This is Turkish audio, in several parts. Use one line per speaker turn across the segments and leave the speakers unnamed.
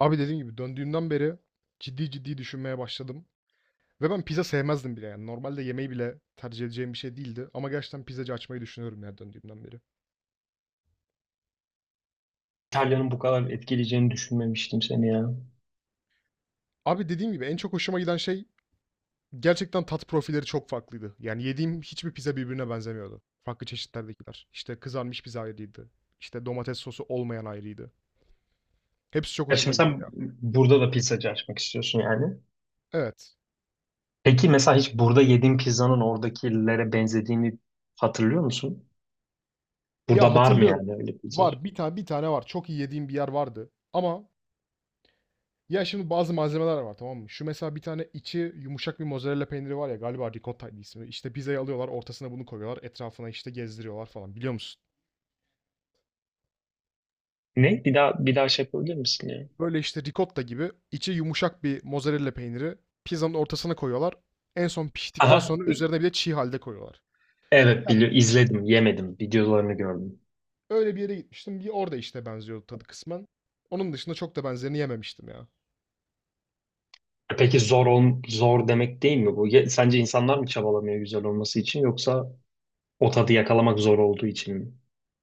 Abi dediğim gibi döndüğümden beri ciddi ciddi düşünmeye başladım. Ve ben pizza sevmezdim bile yani. Normalde yemeği bile tercih edeceğim bir şey değildi. Ama gerçekten pizzacı açmayı düşünüyorum yani döndüğümden beri.
İtalya'nın bu kadar etkileyeceğini düşünmemiştim seni ya.
Abi dediğim gibi en çok hoşuma giden şey gerçekten tat profilleri çok farklıydı. Yani yediğim hiçbir pizza birbirine benzemiyordu. Farklı çeşitlerdekiler. İşte kızarmış pizza ayrıydı. İşte domates sosu olmayan ayrıydı. Hepsi çok
Ya
hoşuma
şimdi
gitti
sen
ya.
burada da pizzacı açmak istiyorsun yani.
Evet.
Peki mesela hiç burada yediğin pizzanın oradakilere benzediğini hatırlıyor musun?
Ya
Burada var mı
hatırlıyorum.
yani öyle pizzacı?
Var bir tane var. Çok iyi yediğim bir yer vardı. Ama ya şimdi bazı malzemeler var, tamam mı? Şu mesela bir tane içi yumuşak bir mozzarella peyniri var ya, galiba ricotta'ydı ismi. İşte pizzayı alıyorlar, ortasına bunu koyuyorlar, etrafına işte gezdiriyorlar falan, biliyor musun?
Ne? Bir daha bir daha şey yapabilir misin ya?
Böyle işte ricotta gibi içi yumuşak bir mozzarella peyniri pizzanın ortasına koyuyorlar. En son piştikten
Aha.
sonra üzerine bir de çiğ halde koyuyorlar.
Evet,
Ya
biliyorum. İzledim, yemedim. Videolarını gördüm.
öyle bir yere gitmiştim. Bir orada işte benziyordu tadı kısmen. Onun dışında çok da benzerini yememiştim ya.
E peki, zor zor demek değil mi bu? Sence insanlar mı çabalamıyor güzel olması için, yoksa o tadı yakalamak zor olduğu için mi?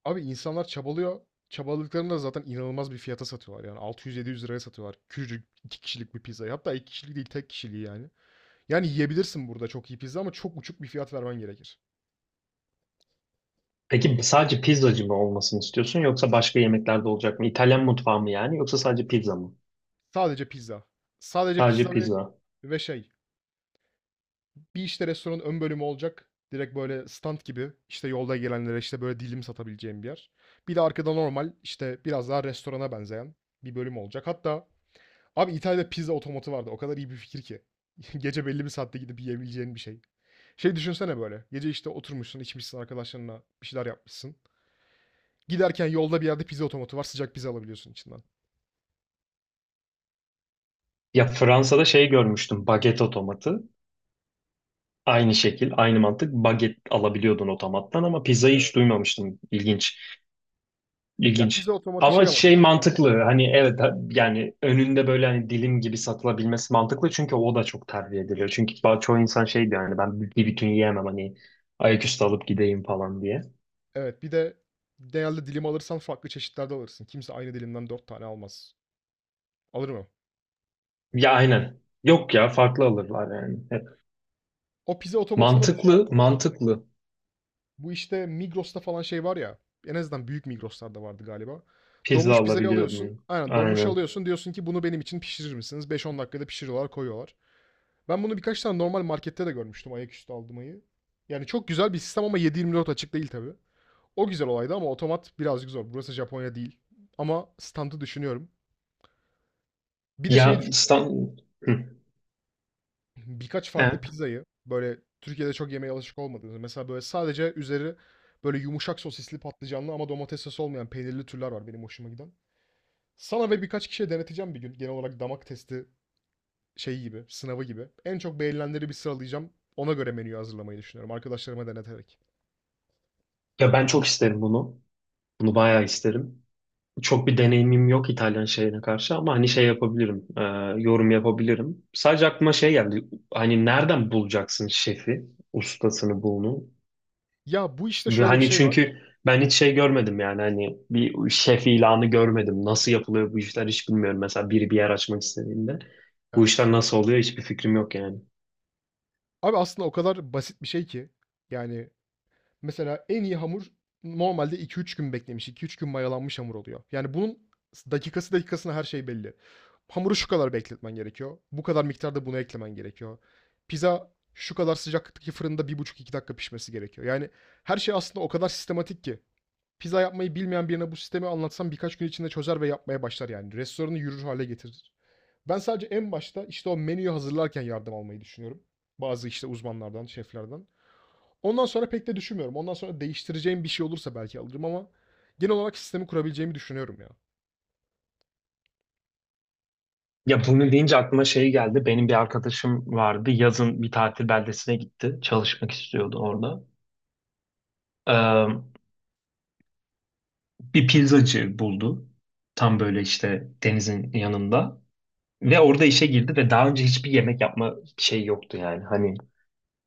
Abi insanlar çabalıyor. Çabaladıklarını da zaten inanılmaz bir fiyata satıyorlar. Yani 600-700 liraya satıyorlar. Küçücük iki kişilik bir pizzayı. Hatta iki kişilik değil tek kişiliği yani. Yani yiyebilirsin burada çok iyi pizza ama çok uçuk bir fiyat vermen gerekir.
Peki sadece pizzacı mı olmasını istiyorsun, yoksa başka yemekler de olacak mı? İtalyan mutfağı mı yani, yoksa sadece pizza mı?
Sadece pizza. Sadece
Sadece
pizza ve,
pizza.
ve şey. Bir işte restoranın ön bölümü olacak. Direkt böyle stand gibi işte yolda gelenlere işte böyle dilim satabileceğim bir yer. Bir de arkada normal işte biraz daha restorana benzeyen bir bölüm olacak. Hatta abi İtalya'da pizza otomatı vardı. O kadar iyi bir fikir ki. Gece belli bir saatte gidip yiyebileceğin bir şey. Şey, düşünsene böyle. Gece işte oturmuşsun, içmişsin, arkadaşlarına bir şeyler yapmışsın. Giderken yolda bir yerde pizza otomatı var. Sıcak pizza alabiliyorsun içinden.
Ya Fransa'da şey görmüştüm, baget otomatı. Aynı şekil, aynı mantık, baget alabiliyordun otomattan, ama pizzayı
Evet.
hiç duymamıştım. İlginç,
Ya pizza
ilginç.
otomatı
Ama
şey ama
şey,
tabii.
mantıklı hani, evet, yani önünde böyle hani dilim gibi satılabilmesi mantıklı, çünkü o da çok tercih ediliyor. Çünkü çoğu insan şey diyor hani, ben bir bütün yiyemem hani, ayaküstü alıp gideyim falan diye.
Evet, bir de genelde dilim alırsan farklı çeşitlerde alırsın. Kimse aynı dilimden 4 tane almaz. Alır mı?
Ya aynen. Yok ya, farklı alırlar yani, hep.
O pizza otomatında da şey
Mantıklı,
aklıma geldi.
mantıklı.
Bu işte Migros'ta falan şey var ya. En azından büyük Migros'larda vardı galiba.
Pizza
Donmuş pizzayı alıyorsun.
alabiliyordum.
Aynen donmuş
Aynen.
alıyorsun. Diyorsun ki bunu benim için pişirir misiniz? 5-10 dakikada pişiriyorlar, koyuyorlar. Ben bunu birkaç tane normal markette de görmüştüm, ayaküstü aldırmayı. Yani çok güzel bir sistem ama 7/24 açık değil tabii. O güzel olaydı ama otomat birazcık zor. Burası Japonya değil. Ama standı düşünüyorum. Bir de şeyi
Ya,
düşün.
İstanbul.
Birkaç farklı
Evet.
pizzayı, böyle Türkiye'de çok yemeye alışık olmadığınız, mesela böyle sadece üzeri böyle yumuşak sosisli patlıcanlı ama domates sosu olmayan peynirli türler var benim hoşuma giden. Sana ve birkaç kişiye deneteceğim bir gün. Genel olarak damak testi şeyi gibi, sınavı gibi. En çok beğenilenleri bir sıralayacağım. Ona göre menüyü hazırlamayı düşünüyorum arkadaşlarıma deneterek.
Ya ben çok isterim bunu. Bunu bayağı isterim. Çok bir deneyimim yok İtalyan şeyine karşı, ama hani şey yapabilirim, yorum yapabilirim. Sadece aklıma şey geldi. Hani nereden bulacaksın şefi, ustasını, bunu?
Ya bu işte şöyle bir
Hani
şey var.
çünkü ben hiç şey görmedim yani, hani bir şef ilanı görmedim. Nasıl yapılıyor bu işler hiç bilmiyorum. Mesela biri bir yer açmak istediğinde bu
Evet.
işler nasıl oluyor hiçbir fikrim yok yani.
Abi aslında o kadar basit bir şey ki. Yani mesela en iyi hamur normalde 2 3 gün beklemiş, 2 3 gün mayalanmış hamur oluyor. Yani bunun dakikası dakikasına her şey belli. Hamuru şu kadar bekletmen gerekiyor. Bu kadar miktarda bunu eklemen gerekiyor. Pizza şu kadar sıcaklıktaki fırında 1,5 2 dakika pişmesi gerekiyor. Yani her şey aslında o kadar sistematik ki. Pizza yapmayı bilmeyen birine bu sistemi anlatsam birkaç gün içinde çözer ve yapmaya başlar yani. Restoranı yürür hale getirir. Ben sadece en başta işte o menüyü hazırlarken yardım almayı düşünüyorum. Bazı işte uzmanlardan, şeflerden. Ondan sonra pek de düşünmüyorum. Ondan sonra değiştireceğim bir şey olursa belki alırım ama genel olarak sistemi kurabileceğimi düşünüyorum ya.
Ya bunu deyince aklıma şey geldi. Benim bir arkadaşım vardı. Yazın bir tatil beldesine gitti. Çalışmak istiyordu orada. Ee, bir pizzacı buldu. Tam böyle işte denizin yanında. Ve orada işe girdi ve daha önce hiçbir yemek yapma şey yoktu yani. Hani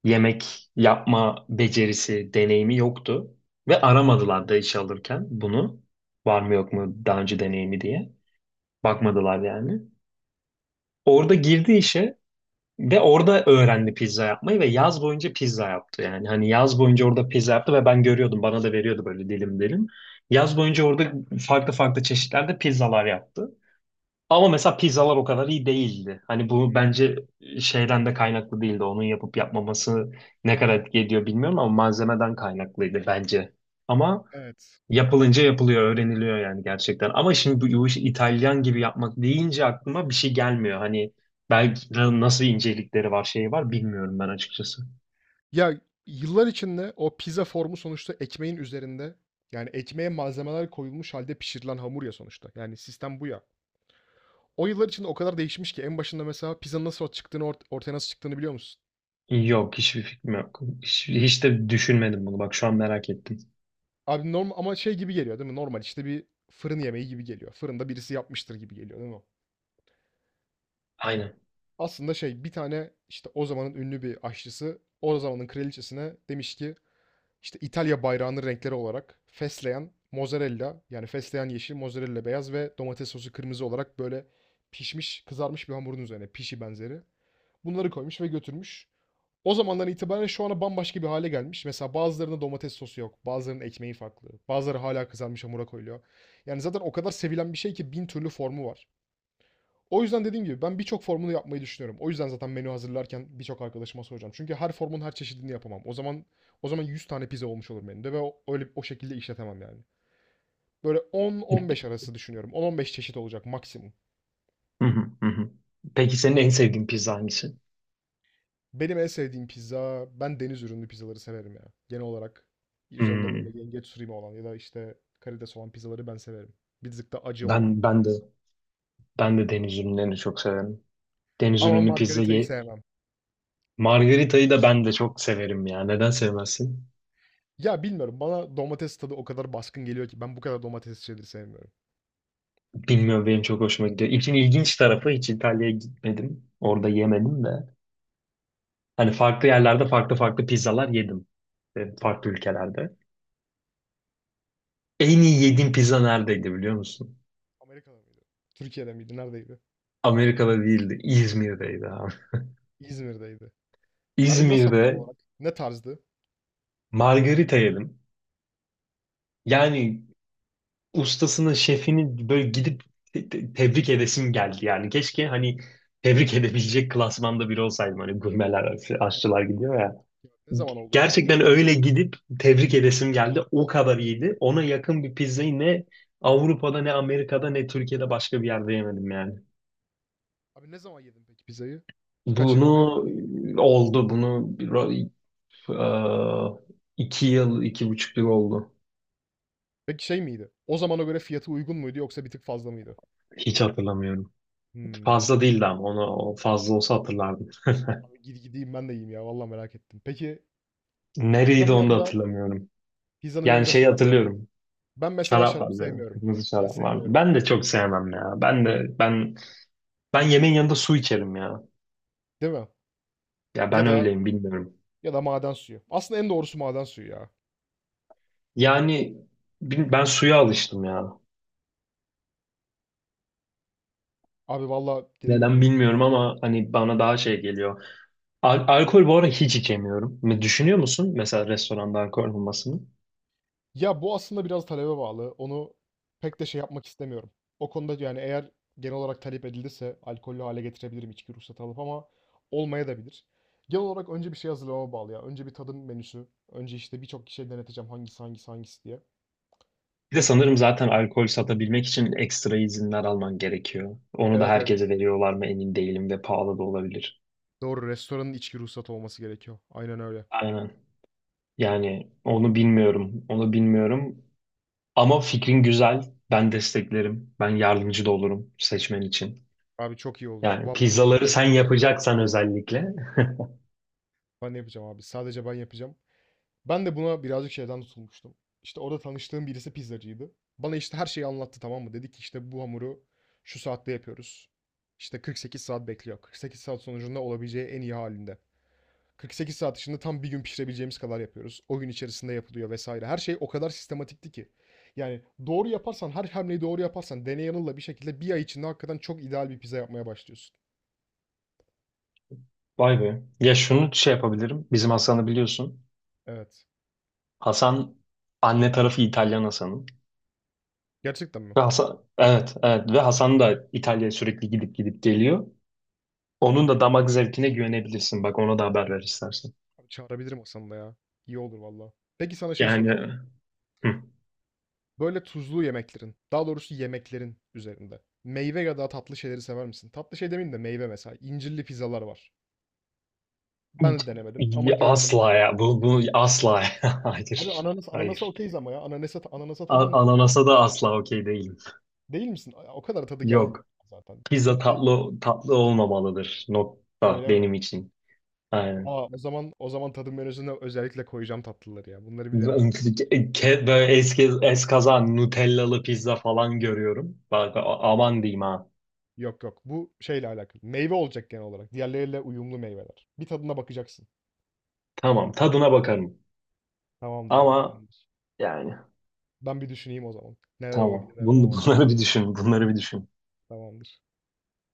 yemek yapma becerisi, deneyimi yoktu. Ve aramadılar da iş alırken bunu. Var mı yok mu daha önce deneyimi diye. Bakmadılar yani. Orada girdi işe ve orada öğrendi pizza yapmayı ve yaz boyunca pizza yaptı yani. Hani yaz boyunca orada pizza yaptı ve ben görüyordum. Bana da veriyordu böyle dilim dilim. Yaz boyunca orada farklı farklı çeşitlerde pizzalar yaptı. Ama mesela pizzalar o kadar iyi değildi. Hani bu
Hımm,
bence şeyden de kaynaklı değildi. Onun yapıp yapmaması ne kadar etki ediyor bilmiyorum, ama malzemeden kaynaklıydı bence. Ama
evet.
yapılınca yapılıyor, öğreniliyor yani, gerçekten. Ama şimdi bu işi İtalyan gibi yapmak deyince aklıma bir şey gelmiyor. Hani belki nasıl incelikleri var, şeyi var bilmiyorum ben, açıkçası.
Ya, yıllar içinde o pizza formu sonuçta ekmeğin üzerinde, yani ekmeğe malzemeler koyulmuş halde pişirilen hamur ya sonuçta. Yani sistem bu ya. O yıllar içinde o kadar değişmiş ki en başında mesela pizzanın nasıl çıktığını, ortaya nasıl çıktığını biliyor musun?
Yok, hiçbir fikrim yok. Hiç, hiç de düşünmedim bunu. Bak, şu an merak ettim.
Abi norm ama şey gibi geliyor değil mi? Normal işte bir fırın yemeği gibi geliyor. Fırında birisi yapmıştır gibi geliyor değil mi?
Aynen.
Aslında şey, bir tane işte o zamanın ünlü bir aşçısı o zamanın kraliçesine demiş ki işte İtalya bayrağının renkleri olarak fesleğen, mozzarella, yani fesleğen yeşil, mozzarella beyaz ve domates sosu kırmızı olarak böyle pişmiş, kızarmış bir hamurun üzerine pişi benzeri. Bunları koymuş ve götürmüş. O zamandan itibaren şu ana bambaşka bir hale gelmiş. Mesela bazılarında domates sosu yok, bazılarının ekmeği farklı, bazıları hala kızarmış hamura koyuluyor. Yani zaten o kadar sevilen bir şey ki 1000 türlü formu var. O yüzden dediğim gibi ben birçok formunu yapmayı düşünüyorum. O yüzden zaten menü hazırlarken birçok arkadaşıma soracağım. Çünkü her formun her çeşidini yapamam. O zaman 100 tane pizza olmuş olur menüde ve o, öyle o şekilde işletemem yani. Böyle 10-15 arası düşünüyorum. 10-15 çeşit olacak maksimum.
Hı hı, hı hı. Peki senin en sevdiğin pizza hangisi?
Benim en sevdiğim pizza, ben deniz ürünlü pizzaları severim ya. Genel olarak üzerinde
Hmm.
böyle yengeç sürimi olan ya da işte karides olan pizzaları ben severim. Bir tık da acı olan.
Ben de ben de deniz ürünlerini çok severim. Deniz
Ama
ürünü pizza
margaritayı
ye.
sevmem.
Margarita'yı da ben de çok severim ya. Neden sevmezsin?
Ya bilmiyorum, bana domates tadı o kadar baskın geliyor ki ben bu kadar domates şeyleri sevmiyorum.
Bilmiyorum, benim çok hoşuma gidiyor. İçin ilginç tarafı, hiç İtalya'ya gitmedim. Orada yemedim de. Hani farklı yerlerde farklı farklı pizzalar yedim. E, farklı ülkelerde. En iyi yediğim pizza neredeydi biliyor musun?
Amerika'da mıydı? Türkiye'de miydi? Neredeydi?
Amerika'da değildi. İzmir'deydi abi.
İzmir'deydi. Abi nasıl tam
İzmir'de
olarak? Ne tarzdı?
margarita yedim. Yani ustasını, şefini böyle gidip tebrik edesim geldi. Yani keşke hani tebrik edebilecek klasmanda biri olsaydım. Hani gurmeler,
Evet.
aşçılar
Ne
gidiyor
zaman
ya.
peki? Ne zaman oldu bu tam
Gerçekten
olarak?
öyle gidip tebrik edesim geldi. O kadar iyiydi. Ona yakın bir pizzayı ne Avrupa'da, ne Amerika'da, ne Türkiye'de başka bir yerde yemedim yani.
Abi ne zaman yedin peki pizzayı? Birkaç yıl
Bunu
oluyor mu?
oldu. Bunu eee, 2 yıl, 2,5 yıl oldu.
Peki şey miydi? O zamana göre fiyatı uygun muydu yoksa bir tık fazla mıydı?
Hiç hatırlamıyorum.
Hmm.
Fazla değildi, ama onu, o fazla olsa hatırlardım.
Abi gideyim ben de yiyeyim ya. Vallahi merak ettim. Peki pizzanın
Nereydi onu da
yanında
hatırlamıyorum.
pizzanın
Yani
yanında
şeyi
şarap mı?
hatırlıyorum.
Ben mesela
Şarap
şarap
vardı.
sevmiyorum.
Kırmızı
Ben
şarap vardı.
sevmiyorum.
Ben de çok sevmem ya. Ben de ben yemeğin yanında su içerim ya.
Değil mi?
Ya
Ya
ben
da
öyleyim bilmiyorum.
ya da maden suyu. Aslında en doğrusu maden suyu ya.
Yani ben suya alıştım ya.
Abi valla dediğim
Neden
gibi.
bilmiyorum ama hani bana daha şey geliyor. Alkol bu ara hiç içemiyorum. Ne düşünüyor musun mesela, restoranda alkol olmasını?
Ya bu aslında biraz talebe bağlı. Onu pek de şey yapmak istemiyorum. O konuda yani, eğer genel olarak talep edilirse alkollü hale getirebilirim içki ruhsatı alıp, ama olmaya da bilir. Genel olarak önce bir şey hazırlamama bağlı ya. Önce bir tadım menüsü. Önce işte birçok kişiye deneteceğim, hangisi hangisi hangisi diye.
Bir de sanırım zaten alkol satabilmek için ekstra izinler alman gerekiyor. Onu da
Evet, evet.
herkese veriyorlar mı emin değilim ve pahalı da olabilir.
Doğru. Restoranın içki ruhsatı olması gerekiyor. Aynen öyle.
Aynen. Yani onu bilmiyorum. Onu bilmiyorum. Ama fikrin güzel. Ben desteklerim. Ben yardımcı da olurum seçmen için.
Abi çok iyi olur.
Yani
Vallahi çok iyi
pizzaları
olur.
sen yapacaksan, özellikle.
Ben de yapacağım abi. Sadece ben yapacağım. Ben de buna birazcık şeyden tutulmuştum. İşte orada tanıştığım birisi pizzacıydı. Bana işte her şeyi anlattı, tamam mı? Dedi ki işte bu hamuru şu saatte yapıyoruz. İşte 48 saat bekliyor. 48 saat sonucunda olabileceği en iyi halinde. 48 saat içinde tam bir gün pişirebileceğimiz kadar yapıyoruz. O gün içerisinde yapılıyor vesaire. Her şey o kadar sistematikti ki. Yani doğru yaparsan, her hamleyi doğru yaparsan, deney yanılla bir şekilde bir ay içinde hakikaten çok ideal bir pizza yapmaya başlıyorsun.
Vay be. Ya şunu şey yapabilirim. Bizim Hasan'ı biliyorsun.
Evet.
Hasan, anne tarafı İtalyan Hasan'ın.
Gerçekten mi?
Ve Hasan, evet evet, ve Hasan da İtalya'ya sürekli gidip gidip geliyor. Onun da damak zevkine güvenebilirsin. Bak, ona da haber ver istersen.
Abi çağırabilirim Hasan'ı da ya. İyi olur valla. Peki sana şey
Yani,
soracağım.
hı.
Böyle tuzlu yemeklerin, daha doğrusu yemeklerin üzerinde. Meyve ya da tatlı şeyleri sever misin? Tatlı şey demeyeyim de meyve mesela. İncirli pizzalar var. Ben de denemedim ama gördüm.
Asla ya. Bu asla.
Abi
Hayır.
ananas, ananasa
Hayır.
okeyiz ama ya. Ananasa, ananasa tamam diyor.
Ananasa da asla okey değilim.
Değil misin? O kadar tadı gelmiyor
Yok.
zaten.
Pizza
%100-
tatlı tatlı olmamalıdır. Nokta,
öyle mi?
benim için. Aynen.
Aa, o zaman tadım menüsüne özellikle koyacağım tatlıları ya. Bunları bir deneme.
Böyle eski eskaza Nutellalı pizza falan görüyorum. Bak, aman diyeyim ha.
Yok yok. Bu şeyle alakalı. Meyve olacak genel olarak. Diğerleriyle uyumlu meyveler. Bir tadına bakacaksın.
Tamam, tadına bakarım.
Tamamdır abi.
Ama
Tamamdır.
yani
Ben bir düşüneyim o zaman. Neler
tamam.
olabilir, neler
Bunu,
olamaz diye.
bunları bir düşün. Bunları bir düşün.
Tamamdır.